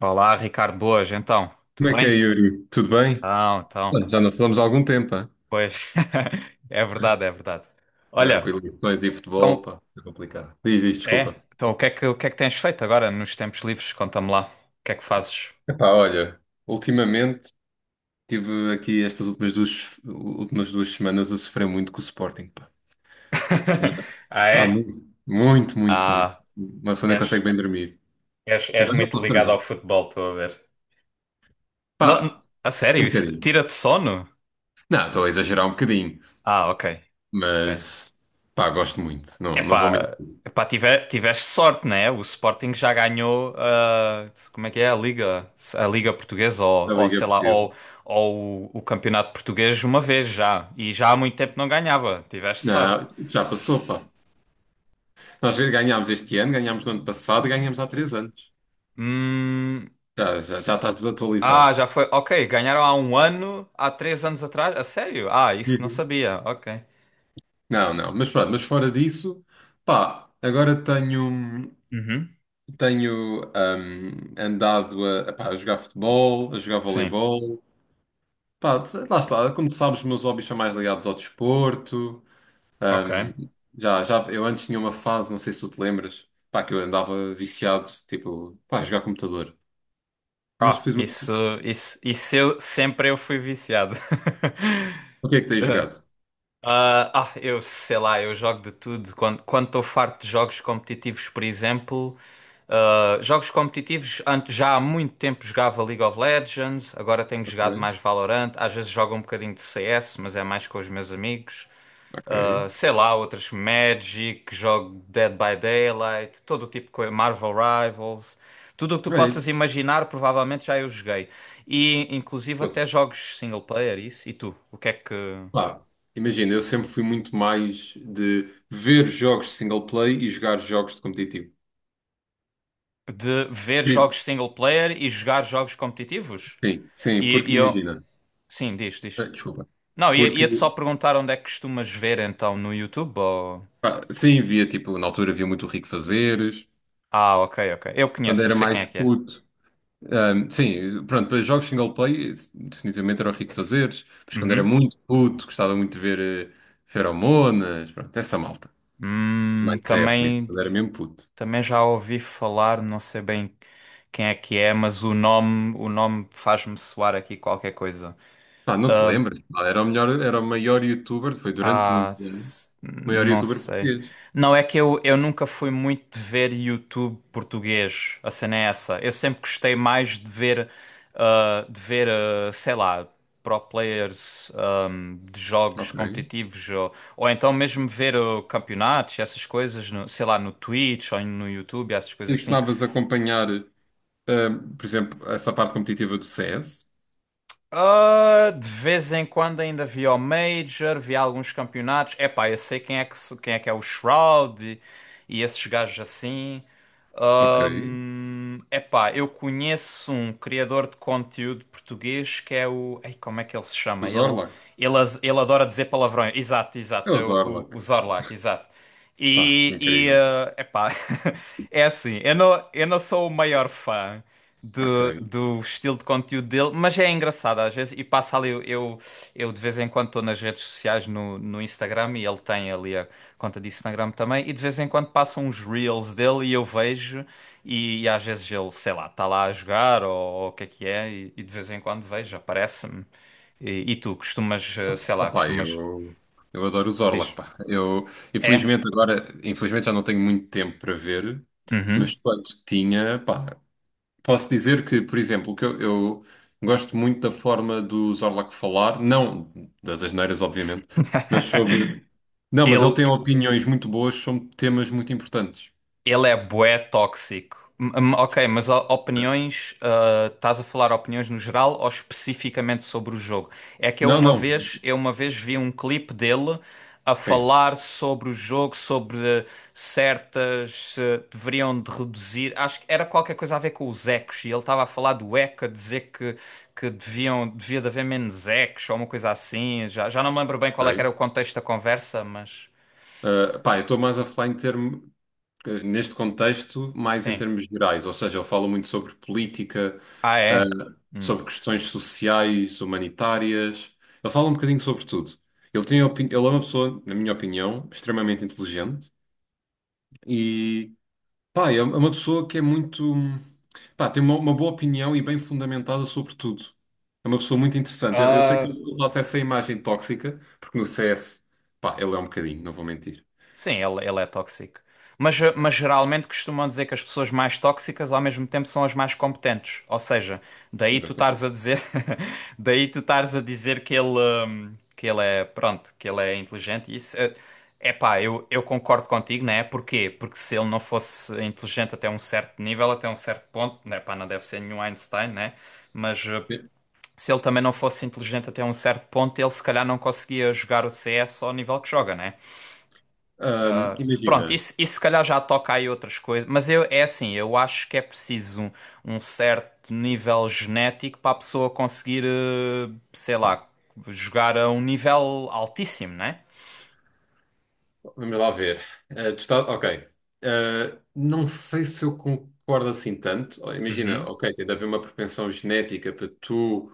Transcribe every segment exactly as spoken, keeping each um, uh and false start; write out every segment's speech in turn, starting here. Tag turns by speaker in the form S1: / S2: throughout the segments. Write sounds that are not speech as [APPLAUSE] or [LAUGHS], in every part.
S1: Olá, Ricardo, boas, então,
S2: Como é
S1: tudo
S2: que é,
S1: bem?
S2: Yuri? Tudo bem?
S1: Então, então,
S2: Olha, já não falamos há algum tempo, hã?
S1: pois, [LAUGHS] é verdade, é verdade.
S2: Agora com
S1: Olha,
S2: eleições e futebol,
S1: então,
S2: pá, é complicado. Diz, diz,
S1: é,
S2: desculpa.
S1: então o que é que, o que é que tens feito agora nos tempos livres? Conta-me lá, o que é que fazes?
S2: Epá, olha, ultimamente tive aqui estas últimas duas, últimas duas semanas a sofrer muito com o Sporting, pá.
S1: [LAUGHS] Ah,
S2: Pá,
S1: é?
S2: muito, muito, muito, muito.
S1: Ah,
S2: Uma pessoa nem
S1: és,
S2: consegue bem dormir.
S1: és, és
S2: Agora já
S1: muito
S2: posso
S1: ligado ao
S2: dormir.
S1: futebol, estou a ver. Não, não-
S2: Pá,
S1: a
S2: um
S1: sério, isso
S2: bocadinho.
S1: tira-te sono?
S2: Não, estou a exagerar um bocadinho,
S1: Ah, ok, ok.
S2: mas pá, gosto muito. Não, não vou
S1: Epá,
S2: mentir.
S1: epá, tive- Tiveste sorte, né? O Sporting já ganhou, ah, como é que é, a Liga, a Liga Portuguesa ou,
S2: A
S1: ou
S2: Liga é
S1: sei lá,
S2: Portuguesa.
S1: ou, ou o, o Campeonato Português uma vez já. E já há muito tempo não ganhava. Tiveste sorte.
S2: Não, já passou, pá. Nós ganhámos este ano, ganhámos no ano passado, ganhámos há três anos.
S1: Hum,
S2: Já, já, já
S1: s-
S2: está tudo atualizado.
S1: ah, já foi. Ok, ganharam há um ano, há três anos atrás. A sério? Ah, isso não
S2: Uhum.
S1: sabia. Ok.
S2: Não, não, mas pronto, mas fora disso, pá, agora tenho,
S1: Uhum,
S2: tenho hum, andado a, pá, a jogar futebol, a jogar
S1: sim,
S2: voleibol, pá, lá está, como tu sabes, os meus hobbies são mais ligados ao desporto,
S1: ok.
S2: hum, já, já, eu antes tinha uma fase, não sei se tu te lembras, pá, que eu andava viciado, tipo, pá, a jogar computador, mas
S1: Ah,
S2: depois, uma
S1: isso,
S2: pessoa-
S1: isso, isso eu, sempre eu fui viciado.
S2: o que é que tens
S1: [LAUGHS]
S2: jogado?
S1: ah, ah, eu sei lá, eu jogo de tudo. Quando quando estou farto de jogos competitivos, por exemplo, ah, jogos competitivos, antes, já há muito tempo jogava League of Legends, agora tenho jogado
S2: Ok,
S1: mais Valorant. Às vezes jogo um bocadinho de C S, mas é mais com os meus amigos.
S2: ok,
S1: Ah, sei lá, outras Magic, jogo Dead by Daylight, todo o tipo de coisa, Marvel Rivals. Tudo o que tu
S2: Olha,
S1: possas imaginar, provavelmente já eu joguei. E inclusive
S2: pois,
S1: até jogos single player, isso. E tu? O que é que.
S2: lá, imagina, eu sempre fui muito mais de ver jogos de single play e jogar jogos de competitivo.
S1: De ver
S2: Por isso-
S1: jogos single player e jogar jogos competitivos.
S2: Sim, sim,
S1: E,
S2: porque
S1: e eu.
S2: imagina.
S1: Sim, diz,
S2: Ah,
S1: diz.
S2: Desculpa.
S1: Não, ia-
S2: Porque,
S1: ia-te só perguntar onde é que costumas ver então no YouTube ou.
S2: pá, sim, via, tipo, na altura via muito o Rico Fazeres,
S1: Ah, ok, ok. Eu
S2: quando
S1: conheço, eu
S2: era
S1: sei quem
S2: mais
S1: é que é.
S2: puto. Ahm, sim, pronto, para jogos single play, definitivamente era o Rico Fazeres, mas quando era
S1: Uhum.
S2: muito puto, gostava muito de ver eh, Feromonas, pronto, essa malta.
S1: Hum,
S2: Minecraft, mesmo,
S1: também,
S2: quando era mesmo puto.
S1: também já ouvi falar, não sei bem quem é que é, mas o nome, o nome faz-me soar aqui qualquer coisa.
S2: Pá, não te
S1: Ah,
S2: lembras? Pá, era o melhor, era o maior youtuber, foi durante
S1: Ah,
S2: muito tempo.
S1: s-
S2: Maior
S1: não
S2: youtuber
S1: sei.
S2: português.
S1: Não, é que eu, eu nunca fui muito de ver YouTube português. A cena é essa. Eu sempre gostei mais de ver, ah, de ver, ah, sei lá, pro players, ahm, de jogos
S2: Ok.
S1: competitivos ou, ou então mesmo ver ah, campeonatos, essas coisas, no, sei lá, no Twitch ou no YouTube, essas
S2: E
S1: coisas assim.
S2: costumavas acompanhar, ahm, por exemplo, essa parte competitiva do C S?
S1: Ah, de vez em quando ainda via o Major, via alguns campeonatos. Epá, eu sei quem é que, se- quem é que é o Shroud e, e esses gajos assim.
S2: Ok.
S1: Ahm, epá, eu conheço um criador de conteúdo português que é o. Ei, como é que ele se chama?
S2: O
S1: Ele,
S2: Zorlak?
S1: ele, as- ele adora dizer palavrões. Exato,
S2: É
S1: exato,
S2: o
S1: é o, o,
S2: Zorlak.
S1: o Zorlak, exato.
S2: Pá,
S1: E, e
S2: incrível.
S1: ah, epá, [LAUGHS] é assim, eu não, eu não sou o maior fã
S2: Ok.
S1: do, do estilo de conteúdo dele, mas é engraçado às vezes. E passa ali, eu, eu, eu de vez em quando estou nas redes sociais no, no Instagram e ele tem ali a conta de Instagram também. E de vez em quando passam uns reels dele e eu vejo. E, e às vezes ele, sei lá, está lá a jogar ou, ou o que é que é. E, e de vez em quando vejo, aparece-me. E, e tu costumas, eh, sei lá,
S2: Opa,
S1: costumas.
S2: eu, eu adoro o Zorlak,
S1: Diz.
S2: pá. Eu,
S1: É?
S2: infelizmente, agora, infelizmente já não tenho muito tempo para ver,
S1: Uhum.
S2: mas quando tinha, pá, posso dizer que, por exemplo, que eu, eu gosto muito da forma do Zorlak falar, não das asneiras, obviamente, mas sobre.
S1: [LAUGHS]
S2: Não, mas ele
S1: Ele.
S2: tem opiniões muito boas sobre temas muito importantes.
S1: Ele é bué tóxico. M- m- ok, mas o- opiniões, ah, estás a falar opiniões no geral ou especificamente sobre o jogo? É que eu
S2: Não,
S1: uma
S2: não.
S1: vez, eu uma vez vi um clipe dele a
S2: Sim.
S1: falar sobre o jogo, sobre certas, eh, deveriam de reduzir, acho que era qualquer coisa a ver com os ecos, e ele estava a falar do eco, a dizer que, que deviam, devia de haver menos ecos ou uma coisa assim, já, já não me lembro bem qual é que
S2: Ok.
S1: era o contexto da conversa, mas
S2: Ah, pá, eu estou mais a falar em termo, eh, neste contexto, mais em
S1: sim.
S2: termos gerais, ou seja, ele fala muito sobre política,
S1: Ah,
S2: ah,
S1: é?
S2: sobre questões sociais, humanitárias, ele fala um bocadinho sobre tudo. Ele tem opini... Ele é uma pessoa, na minha opinião, extremamente inteligente. E pá, é é uma pessoa que é muito, pá, tem uma, uma boa opinião e bem fundamentada sobre tudo. É uma pessoa muito interessante. Eu, eu sei que
S1: Hum.
S2: ele passa essa imagem tóxica, porque no C S, pá, ele é um bocadinho, não vou mentir.
S1: Sim, ele, ele é tóxico. Mas, eh, mas geralmente costumam dizer que as pessoas mais tóxicas ao mesmo tempo são as mais competentes. Ou seja, daí tu estares
S2: Exatamente.
S1: a dizer, [LAUGHS] daí tu estares a dizer que ele, hum, que ele é, pronto, que ele é inteligente. E isso, é pá, eu, eu concordo contigo, né? Porquê? Porque se ele não fosse inteligente até um certo nível, até um certo ponto, né? Pá, não deve ser nenhum Einstein, né? Mas eh,
S2: Sim.
S1: se ele também não fosse inteligente até um certo ponto, ele se calhar não conseguia jogar o C S ao nível que joga, né?
S2: Ahm, imagina.
S1: Pronto, isso, isso se calhar já toca aí outras coisas, mas eu, é assim, eu acho que é preciso um, um certo nível genético para a pessoa conseguir, eh, sei
S2: Hum,
S1: lá, jogar a um nível altíssimo, né?
S2: vamos lá ver. Ah, tu estás, ok. Ah, não sei se eu concordo assim tanto. Oh, imagina,
S1: Uhum,
S2: ok, tem de haver uma propensão genética para tu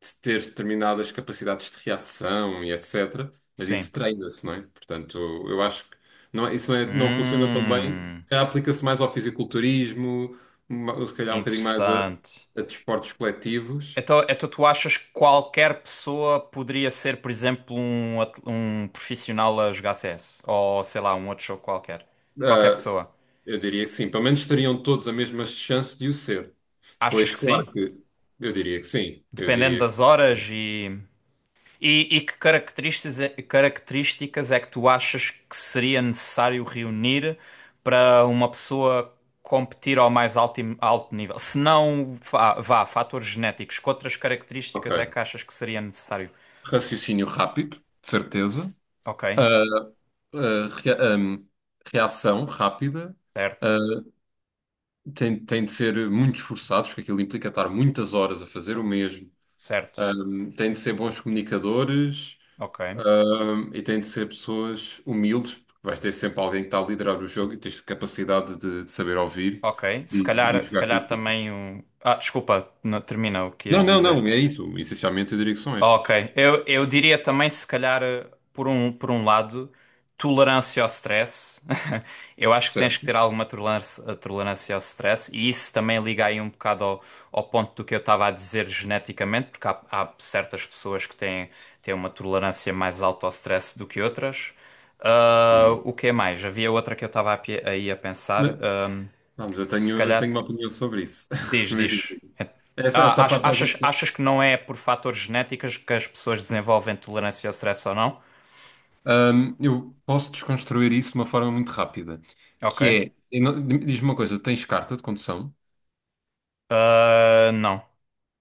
S2: de ter determinadas capacidades de reação e etecétera. Mas
S1: sim.
S2: isso treina-se, não é? Portanto, eu acho que não, é- isso não, é- não funciona tão bem.
S1: Hum,
S2: Se calhar aplica-se mais ao fisiculturismo, ma- se calhar um bocadinho mais a,
S1: interessante.
S2: a desportos coletivos.
S1: Então, então tu achas que qualquer pessoa poderia ser, por exemplo, um, at- um profissional a jogar C S? Ou sei lá, um outro jogo qualquer? Qualquer
S2: Ah,
S1: pessoa.
S2: eu diria que sim. Pelo menos teriam todos a mesma chance de o ser.
S1: Achas
S2: Depois,
S1: que
S2: claro
S1: sim?
S2: que eu diria que sim. Eu
S1: Dependendo
S2: diria que.
S1: das horas e. E, e que características, é- características é que tu achas que seria necessário reunir para uma pessoa competir ao mais alto, alto nível? Se não, vá, vá, fatores genéticos, que outras
S2: Ok.
S1: características é que achas que seria necessário?
S2: Raciocínio rápido, de certeza.
S1: Ok,
S2: Ah, ah, rea- ahm, reação rápida.
S1: certo,
S2: ah, Tem, tem de ser muito esforçados, porque aquilo implica estar muitas horas a fazer o mesmo.
S1: certo,
S2: Ahm, têm de ser bons comunicadores,
S1: ok,
S2: ahm, e têm de ser pessoas humildes, porque vais ter sempre alguém que está a liderar o jogo e tens capacidade de, de saber ouvir
S1: ok. Se
S2: e, e
S1: calhar, se
S2: jogar com a
S1: calhar
S2: equipa.
S1: também o. Ah, desculpa, não, termina o que
S2: Não,
S1: ias
S2: não,
S1: dizer.
S2: não, é isso. Essencialmente eu diria que são
S1: Ok,
S2: estas.
S1: eu, eu diria também, se calhar, eh, por um, por um lado, tolerância ao stress. [LAUGHS] Eu acho que tens que ter
S2: Certo.
S1: alguma tolerância, eh, tolerância ao stress, e isso também liga aí um bocado ao, ao ponto do que eu estava a dizer geneticamente, porque há, há certas pessoas que têm, têm uma tolerância mais alta ao stress do que outras. Ah,
S2: Sim.
S1: o que é mais? Havia outra que eu estava a pe- aí a pensar,
S2: Mas,
S1: ahm,
S2: vamos, eu
S1: se
S2: tenho,
S1: calhar.
S2: tenho uma opinião sobre isso. [LAUGHS]
S1: Diz,
S2: Mas digo,
S1: diz. É-
S2: essa,
S1: Ah,
S2: essa
S1: ach-
S2: parte, essa,
S1: achas, achas que não é por fatores genéticos que as pessoas desenvolvem tolerância ao stress ou não?
S2: hum, eu posso desconstruir isso de uma forma muito rápida,
S1: Ok.
S2: que é, eu não- diz-me uma coisa, tens carta de condução?
S1: Ah, não.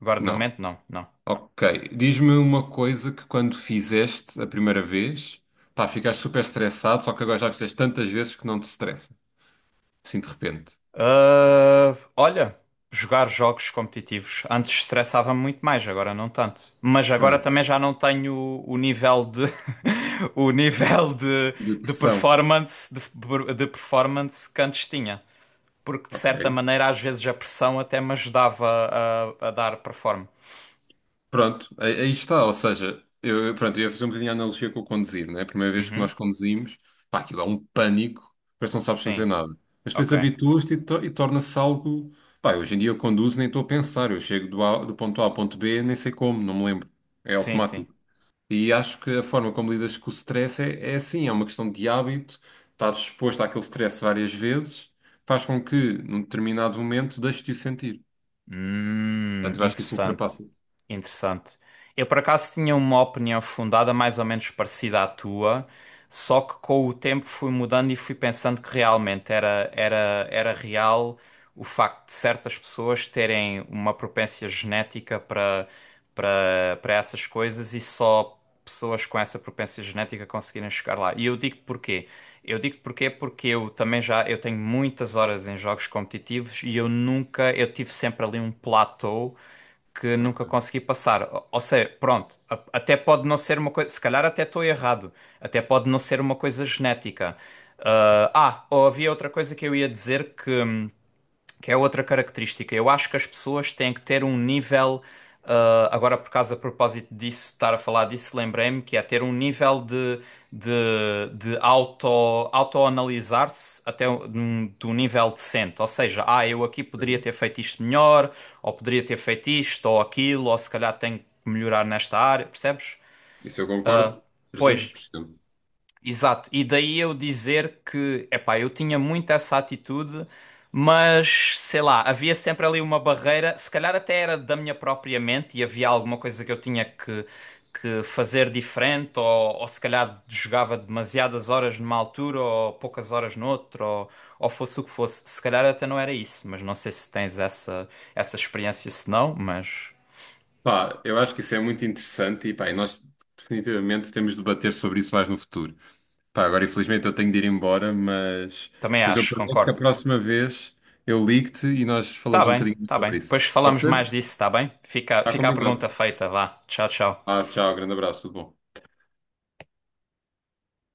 S1: Agora de
S2: Não.
S1: momento, não, não.
S2: Ok. Diz-me uma coisa: que quando fizeste a primeira vez, pá, ficaste super estressado, só que agora já fizeste tantas vezes que não te estressa, assim de repente.
S1: Ah, olha, jogar jogos competitivos. Antes estressava-me muito mais, agora não tanto. Mas agora
S2: Pronto.
S1: também já não tenho o, o nível de [LAUGHS] o nível de, de
S2: Depressão.
S1: performance de, de performance que antes tinha. Porque de certa
S2: Ok.
S1: maneira, às vezes a pressão até me ajudava a, a dar performance.
S2: Pronto, aí aí está, ou seja, eu, eu- pronto, eu ia fazer um bocadinho a analogia com o conduzir, né? A primeira vez que
S1: Uhum.
S2: nós conduzimos, pá, aquilo é um pânico, parece que não sabes fazer
S1: Sim,
S2: nada. Mas depois
S1: ok.
S2: habituas-te e, to- e torna-se algo, pá, hoje em dia eu conduzo nem estou a pensar, eu chego do, A- do ponto A ao ponto B, nem sei como, não me lembro, é
S1: Sim, sim.
S2: automático. E acho que a forma como lidas com o stress é, é assim, é uma questão de hábito, estás exposto àquele stress várias vezes, faz com que, num determinado momento, deixes de o sentir.
S1: Hum,
S2: Portanto, eu acho que isso
S1: interessante.
S2: ultrapassa.
S1: Interessante. Eu por acaso tinha uma opinião fundada mais ou menos parecida à tua, só que com o tempo fui mudando e fui pensando que realmente era, era, era real o facto de certas pessoas terem uma propensão genética para para para essas coisas e só pessoas com essa propensão genética conseguirem chegar lá. E eu digo-te porquê. Eu digo-te porquê porque eu também já eu tenho muitas horas em jogos competitivos e eu nunca eu tive sempre ali um platô que nunca
S2: Ok,
S1: consegui passar. Ou ou seja, pronto, a- até pode não ser uma coisa, se calhar até estou errado, até pode não ser uma coisa genética. ah, ah, ou havia outra coisa que eu ia dizer que, hum, que é outra característica. Eu acho que as pessoas têm que ter um nível. ah, agora, por causa, a propósito disso, estar a falar disso, lembrei-me que é ter um nível de, de, de auto, autoanalisar-se até um- de um, um nível decente. Ou seja, ah, eu aqui poderia
S2: ok.
S1: ter feito isto melhor, ou poderia ter feito isto ou aquilo, ou se calhar tenho que melhorar nesta área, percebes?
S2: Isso eu concordo
S1: Pois,
S2: trezentos por cento.
S1: exato, e daí eu dizer que, epá, eu tinha muito essa atitude, mas sei lá, havia sempre ali uma barreira, se calhar até era da minha própria mente e havia alguma coisa que eu tinha que, que fazer diferente, ou, ou se calhar jogava demasiadas horas numa altura ou poucas horas noutra, ou, ou fosse o que fosse. Se calhar até não era isso, mas não sei se tens essa, essa experiência, se não, mas
S2: Pá, eu acho que isso é muito interessante e, pá, e nós definitivamente temos de debater sobre isso mais no futuro. Pá, agora infelizmente eu tenho de ir embora, mas,
S1: também
S2: mas eu
S1: acho,
S2: prometo que a
S1: concordo.
S2: próxima vez eu ligo-te e nós
S1: Tá
S2: falamos um
S1: bem,
S2: bocadinho mais
S1: tá bem.
S2: sobre isso.
S1: Depois
S2: Pode
S1: falamos mais
S2: ser?
S1: disso, tá bem? Fica,
S2: Está
S1: fica a
S2: combinado.
S1: pergunta feita, vá. Tchau, tchau.
S2: Ah, tchau, grande abraço, tudo bom.